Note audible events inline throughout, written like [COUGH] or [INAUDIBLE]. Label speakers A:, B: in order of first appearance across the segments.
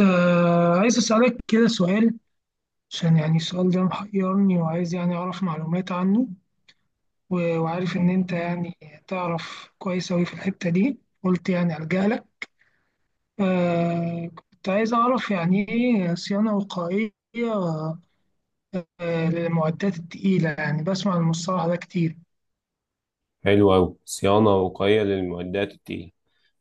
A: آه، عايز أسألك كده سؤال، عشان يعني السؤال ده محيرني وعايز يعني أعرف معلومات عنه. وعارف إن أنت يعني تعرف كويس أوي في الحتة دي، قلت يعني ألجأ لك. آه، كنت عايز أعرف يعني إيه صيانة وقائية، آه، للمعدات التقيلة، يعني بسمع المصطلح ده كتير.
B: حلو أوي، صيانة وقائية للمعدات التقيلة.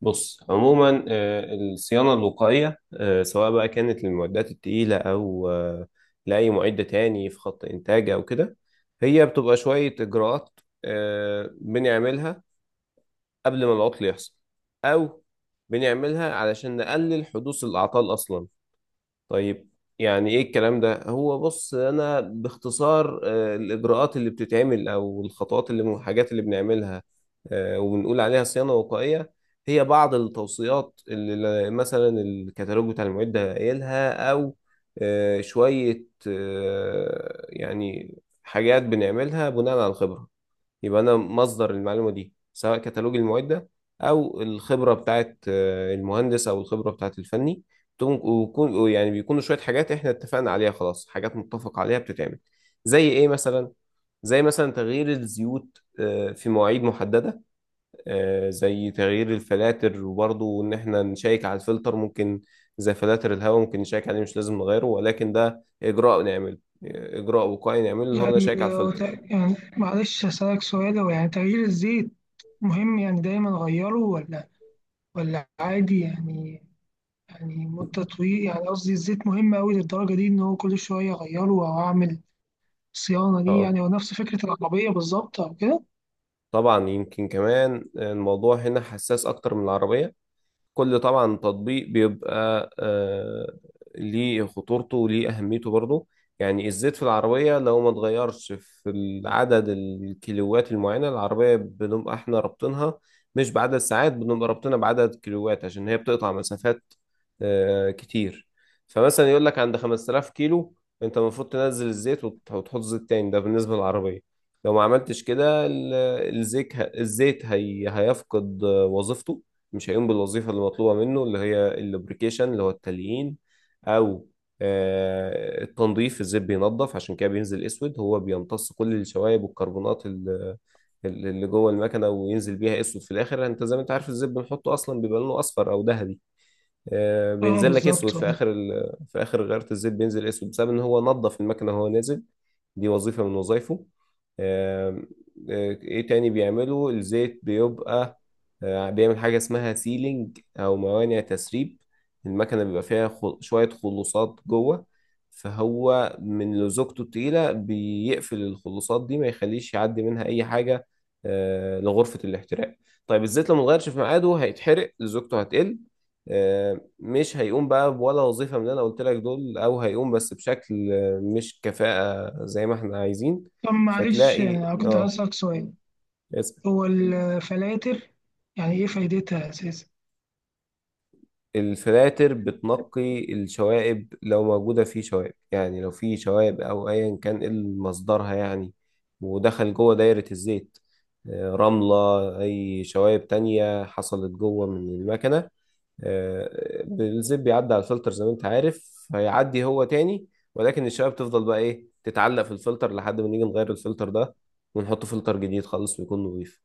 B: بص، عموما الصيانة الوقائية، سواء بقى كانت للمعدات التقيلة أو لأي معدة تاني في خط إنتاج أو كده، هي بتبقى شوية إجراءات بنعملها قبل ما العطل يحصل، أو بنعملها علشان نقلل حدوث الأعطال أصلا. طيب، يعني ايه الكلام ده؟ هو بص، انا باختصار الاجراءات اللي بتتعمل او الخطوات اللي والحاجات اللي بنعملها وبنقول عليها صيانة وقائية، هي بعض التوصيات اللي مثلا الكتالوج بتاع المعدة قايلها، او شوية يعني حاجات بنعملها بناء على الخبرة. يبقى أنا مصدر المعلومة دي سواء كتالوج المعدة أو الخبرة بتاعت المهندس أو الخبرة بتاعت الفني، ويكون يعني بيكونوا شوية حاجات إحنا اتفقنا عليها، خلاص حاجات متفق عليها بتتعمل. زي إيه مثلا؟ زي مثلا تغيير الزيوت في مواعيد محددة، زي تغيير الفلاتر، وبرضه إن إحنا نشيك على الفلتر، ممكن زي فلاتر الهواء ممكن نشيك عليه مش لازم نغيره، ولكن ده إجراء نعمله، إجراء وقائي نعمله اللي هو أنا
A: يعني
B: شيك على الفلتر.
A: يعني معلش أسألك سؤال، هو يعني تغيير الزيت مهم؟ يعني دايما أغيره ولا عادي يعني؟ يعني مدة طويلة، يعني قصدي الزيت مهم أوي للدرجة دي إن هو كل شوية أغيره أو أعمل صيانة ليه؟
B: اه،
A: يعني هو نفس فكرة العربية بالظبط أو كده؟
B: طبعا يمكن كمان الموضوع هنا حساس اكتر من العربية. كل طبعا تطبيق بيبقى ليه خطورته وليه أهميته برضه. يعني الزيت في العربية لو ما اتغيرش في العدد الكيلوات المعينة، العربية بنبقى احنا رابطينها مش بعدد ساعات، بنبقى رابطينها بعدد كيلوات عشان هي بتقطع مسافات كتير. فمثلا يقول لك عند 5000 كيلو، انت المفروض تنزل الزيت وتحط زيت تاني، ده بالنسبة للعربية. لو ما عملتش كده الزيت هي هيفقد وظيفته، مش هيقوم بالوظيفة اللي مطلوبة منه، اللي هي اللوبريكيشن اللي هو التليين، أو التنظيف. الزيت بينظف، عشان كده بينزل أسود، هو بيمتص كل الشوائب والكربونات اللي جوه المكنة وينزل بيها أسود في الآخر. أنت زي ما أنت عارف، الزيت بنحطه أصلا بيبقى لونه أصفر أو ذهبي،
A: أه،
B: بينزل لك اسود
A: بالظبط أه.
B: في اخر في اخر غيره، الزيت بينزل اسود بسبب ان هو نظف المكنه وهو نازل. دي وظيفه من وظائفه. آم، ايه تاني بيعمله الزيت؟ بيبقى بيعمل حاجة اسمها سيلينج او موانع تسريب. المكنة بيبقى فيها شوية خلوصات جوه، فهو من لزوجته التقيلة بيقفل الخلوصات دي، ما يخليش يعدي منها اي حاجة لغرفة الاحتراق. طيب الزيت لو متغيرش في ميعاده هيتحرق، لزوجته هتقل، آه، مش هيقوم بقى ولا وظيفة من اللي أنا قلت لك دول، أو هيقوم بس بشكل مش كفاءة زي ما إحنا عايزين.
A: طب معلش
B: فتلاقي
A: أنا كنت هسألك سؤال،
B: اسأل.
A: هو الفلاتر يعني إيه فايدتها أساسا؟
B: الفلاتر بتنقي الشوائب، لو موجودة في شوائب، يعني لو في شوائب أو أيا كان إيه مصدرها يعني، ودخل جوه دايرة الزيت رملة، أي شوائب تانية حصلت جوه من المكنة، بالزيب بيعدي على الفلتر، زي ما انت عارف هيعدي هو تاني، ولكن الشباب تفضل بقى ايه؟ تتعلق في الفلتر لحد ما نيجي نغير الفلتر ده، ونحط فلتر جديد خالص ويكون نظيف.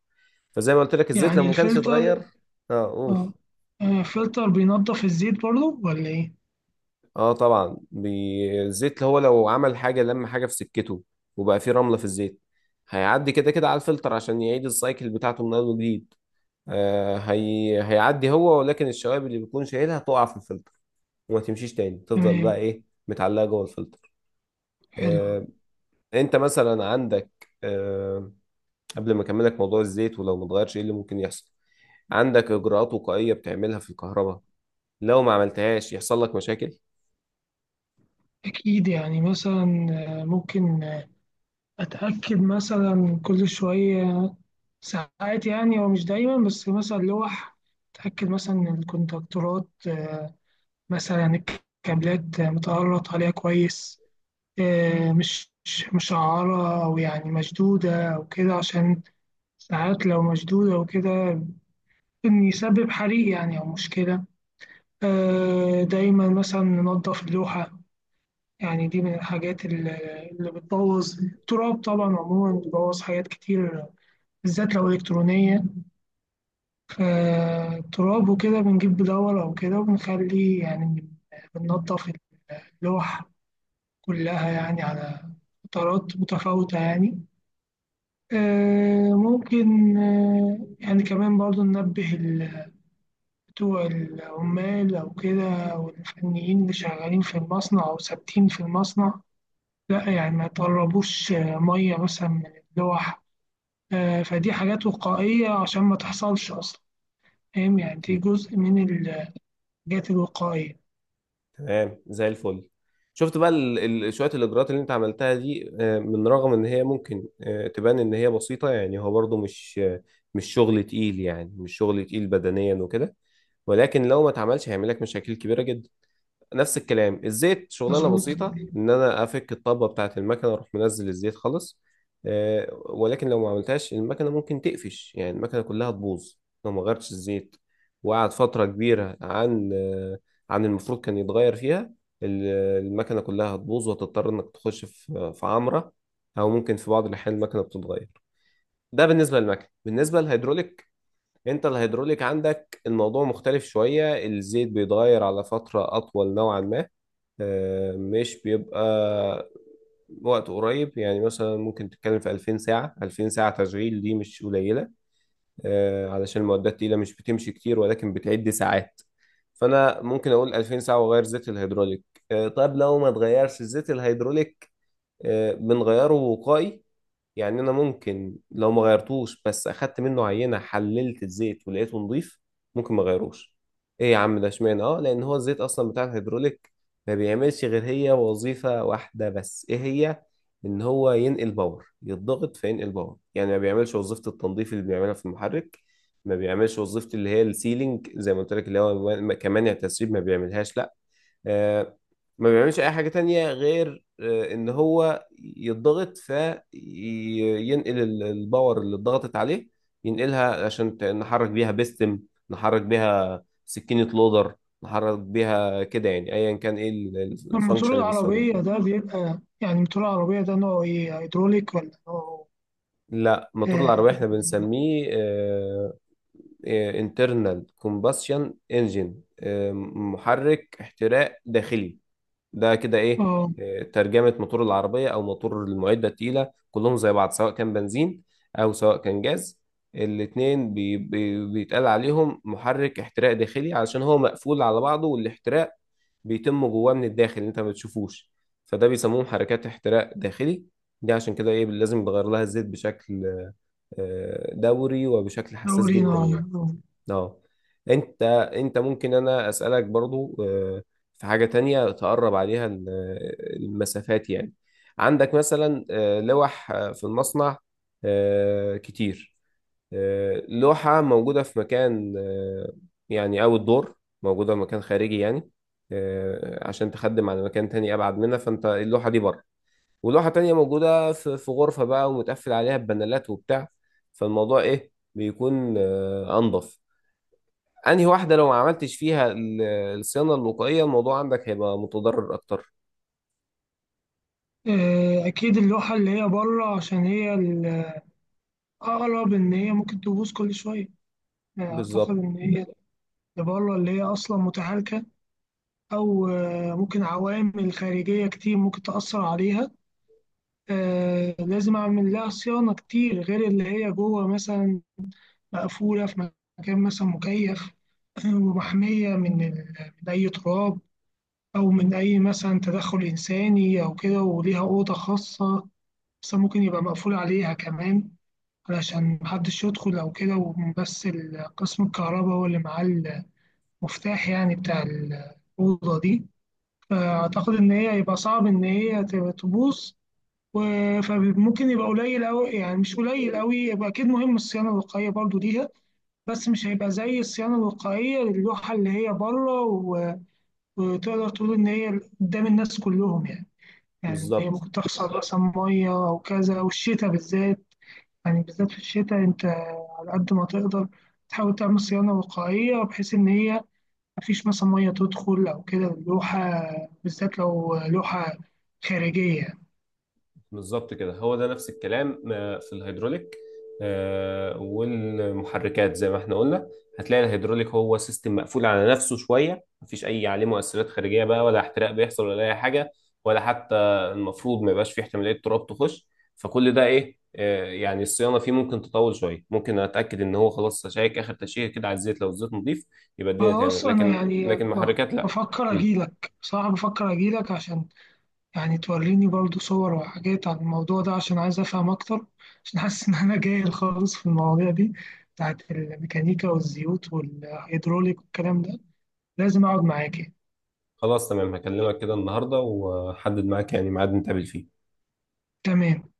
B: فزي ما قلت لك، الزيت لو
A: يعني
B: ما كانش اتغير،
A: الفلتر
B: اه قول.
A: أه، آه، الفلتر بينضف الزيت برضه ولا إيه؟
B: اه طبعا الزيت هو لو عمل حاجه لم حاجه في سكته، وبقى فيه رمله في الزيت، هيعدي كده كده على الفلتر عشان يعيد السايكل بتاعته من اول وجديد. هيعدي هو، ولكن الشوائب اللي بيكون شايلها تقع في الفلتر وما تمشيش تاني، تفضل
A: تمام.
B: بقى ايه؟ متعلقه جوه الفلتر.
A: حلو.
B: آه، انت مثلا عندك، قبل ما اكملك موضوع الزيت ولو ما اتغيرش ايه اللي ممكن يحصل، عندك اجراءات وقائيه بتعملها في الكهرباء، لو ما عملتهاش يحصل لك مشاكل.
A: أكيد يعني، مثلا آه، ممكن آه، أتأكد مثلا كل شوية ساعات، يعني هو مش دايما، بس مثلا لوح، أتأكد مثلا إن الكونتاكتورات آه، مثلا الكابلات آه، متقرط عليها كويس، آه، مش مشعرة أو يعني مشدودة أو كده، عشان ساعات لو مشدودة وكده إن يسبب حريق يعني أو مشكلة. آه، دايما مثلا ننضف اللوحة، يعني دي من الحاجات اللي بتبوظ. التراب طبعا عموما بيبوظ حاجات كتير، بالذات لو إلكترونية. فالتراب وكده بنجيب بدور أو كده وبنخلي يعني بننضف اللوح كلها يعني على فترات متفاوتة يعني. آه، ممكن آه، يعني كمان برضو ننبه بتوع العمال أو كده والفنيين اللي شغالين في المصنع أو ثابتين في المصنع، لا يعني ما يطربوش آه، مية مثلا من اللوح. آه، فدي حاجات وقائية عشان ما تحصلش أصلا. فاهم يعني؟ دي
B: تم-
A: جزء من ال الحاجات الوقائية.
B: تمام. زي الفل شفت بقى شويه الاجراءات اللي انت عملتها دي، من رغم ان هي ممكن تبان ان هي بسيطه، يعني هو برضو مش شغل تقيل، يعني مش شغل تقيل بدنيا وكده، ولكن لو ما اتعملش هيعمل لك مشاكل كبيره جدا. نفس الكلام الزيت، شغلانه
A: مظبوط.
B: بسيطه ان انا افك الطبه بتاعه المكنه اروح منزل الزيت خالص، ولكن لو ما عملتهاش المكنه ممكن تقفش، يعني المكنه كلها تبوظ. لو ما غيرتش الزيت وقعد فتره كبيره عن المفروض كان يتغير فيها، ال- المكنه كلها هتبوظ وهتضطر انك تخش في عمره، او ممكن في بعض الاحيان المكنه بتتغير. ده بالنسبه للمكنه، بالنسبه للهيدروليك، انت الهيدروليك عندك الموضوع مختلف شويه، الزيت بيتغير على فتره اطول نوعا ما، مش بيبقى وقت قريب، يعني مثلا ممكن تتكلم في 2000 ساعة، 2000 ساعة تشغيل دي مش قليلة، علشان المعدات التقيلة مش بتمشي كتير، ولكن بتعد ساعات، فأنا ممكن أقول 2000 ساعة وأغير زيت الهيدروليك. طب لو ما اتغيرش الزيت الهيدروليك، بنغيره وقائي. يعني انا ممكن لو ما غيرتوش بس اخدت منه عينه حللت الزيت ولقيته نضيف، ممكن ما غيروش. ايه يا عم ده اشمعنى؟ اه، لان هو الزيت اصلا بتاع الهيدروليك ما بيعملش غير هي وظيفه واحده بس. ايه هي؟ ان هو ينقل باور، يتضغط فينقل باور، يعني ما بيعملش وظيفه التنظيف اللي بيعملها في المحرك، ما بيعملش وظيفه اللي هي السيلينج زي ما قلت لك، اللي هو كمان التسريب ما بيعملهاش، لا آه، ما بيعملش اي حاجة تانية غير ان هو يضغط فينقل الباور اللي اتضغطت عليه، ينقلها عشان نحرك بيها بيستم، نحرك بيها سكينة لودر، نحرك بيها كده، يعني ايا كان ايه
A: الموتور
B: الفانكشن اللي بيستخدم
A: العربية
B: فيها.
A: ده بيبقى، يعني الموتور العربية ده نوعه إيه، هيدروليك ولا نوعه
B: لا، موتور
A: إيه؟
B: العربية احنا بنسميه انترنال كومباشن انجن، محرك احتراق داخلي، ده كده
A: آه
B: ايه
A: آه،
B: ترجمة موتور العربية او موتور المعدة التقيلة. كلهم زي بعض سواء كان بنزين او سواء كان جاز، الاتنين بي بي بيتقال عليهم محرك احتراق داخلي، علشان هو مقفول على بعضه، والاحتراق بيتم جواه من الداخل، انت ما بتشوفوش، فده بيسموه محركات احتراق داخلي. دي عشان كده ايه لازم بغير لها الزيت بشكل دوري وبشكل حساس
A: دورينا
B: جدا يعني.
A: آه.
B: اه. انت، ممكن انا اسالك برضو في حاجه تانية تقرب عليها المسافات يعني. عندك مثلا لوح في المصنع كتير، لوحه موجوده في مكان، يعني اول دور، موجوده في مكان خارجي يعني، عشان تخدم على مكان تاني ابعد منها، فانت اللوحه دي بره، ولوحه تانية موجوده في غرفه بقى، ومتقفل عليها ببانلات وبتاع. فالموضوع ايه بيكون انضف؟ انهي واحدة لو ما عملتش فيها الصيانة الوقائية، الموضوع عندك هيبقى متضرر اكتر.
A: آه، أكيد اللوحة اللي هي بره، عشان هي الأقرب، إن هي ممكن تبوظ كل شوية. آه، أعتقد
B: بالظبط.
A: إن هي اللي بره اللي هي أصلا متهالكة، أو آه، ممكن عوامل خارجية كتير ممكن تأثر عليها. آه، لازم أعمل لها صيانة كتير غير اللي هي جوه مثلا مقفولة في مكان مثلا مكيف [CLEARS THROAT] ومحمية من أي تراب أو من أي مثلا تدخل إنساني أو كده، وليها أوضة خاصة بس، ممكن يبقى مقفول عليها كمان علشان محدش يدخل أو كده، وبس قسم الكهرباء هو اللي معاه المفتاح يعني بتاع الأوضة دي. فأعتقد إن هي هيبقى صعب إن هي تبقى تبوظ. فممكن يبقى قليل أوي، يعني مش قليل أوي، يبقى أكيد مهم الصيانة الوقائية برضو ليها، بس مش هيبقى زي الصيانة الوقائية للوحة اللي هي بره، وتقدر تقول إن هي قدام الناس كلهم يعني. يعني هي
B: بالظبط،
A: ممكن تحصل مثلا مية أو كذا، أو الشتاء بالذات، يعني بالذات في الشتاء، أنت على قد ما تقدر تحاول تعمل صيانة وقائية بحيث إن هي مفيش مثلا مية تدخل أو كده اللوحة، بالذات لو لوحة خارجية.
B: بالظبط كده، هو ده نفس الكلام في الهيدروليك، والمحركات. زي ما احنا قلنا، هتلاقي الهيدروليك هو سيستم مقفول على نفسه شوية، مفيش أي عليه مؤثرات خارجية بقى، ولا احتراق بيحصل ولا أي حاجة، ولا حتى المفروض ما يبقاش فيه احتمالية تراب تخش. فكل ده إيه؟ يعني الصيانة فيه ممكن تطول شوية، ممكن أتأكد إن هو خلاص أشيك آخر تشيكة كده على الزيت، لو الزيت نضيف يبقى الدنيا تمام.
A: خلاص. أنا
B: لكن
A: يعني
B: المحركات لأ.
A: بفكر
B: مم.
A: أجيلك بصراحة، بفكر أجيلك عشان يعني توريني برضو صور وحاجات عن الموضوع ده، عشان عايز أفهم أكتر، عشان حاسس إن أنا جاهل خالص في المواضيع دي بتاعت الميكانيكا والزيوت والهيدروليك والكلام ده. لازم أقعد معاك يعني.
B: خلاص تمام، هكلمك كده النهاردة وأحدد معاك يعني ميعاد نتقابل فيه.
A: تمام.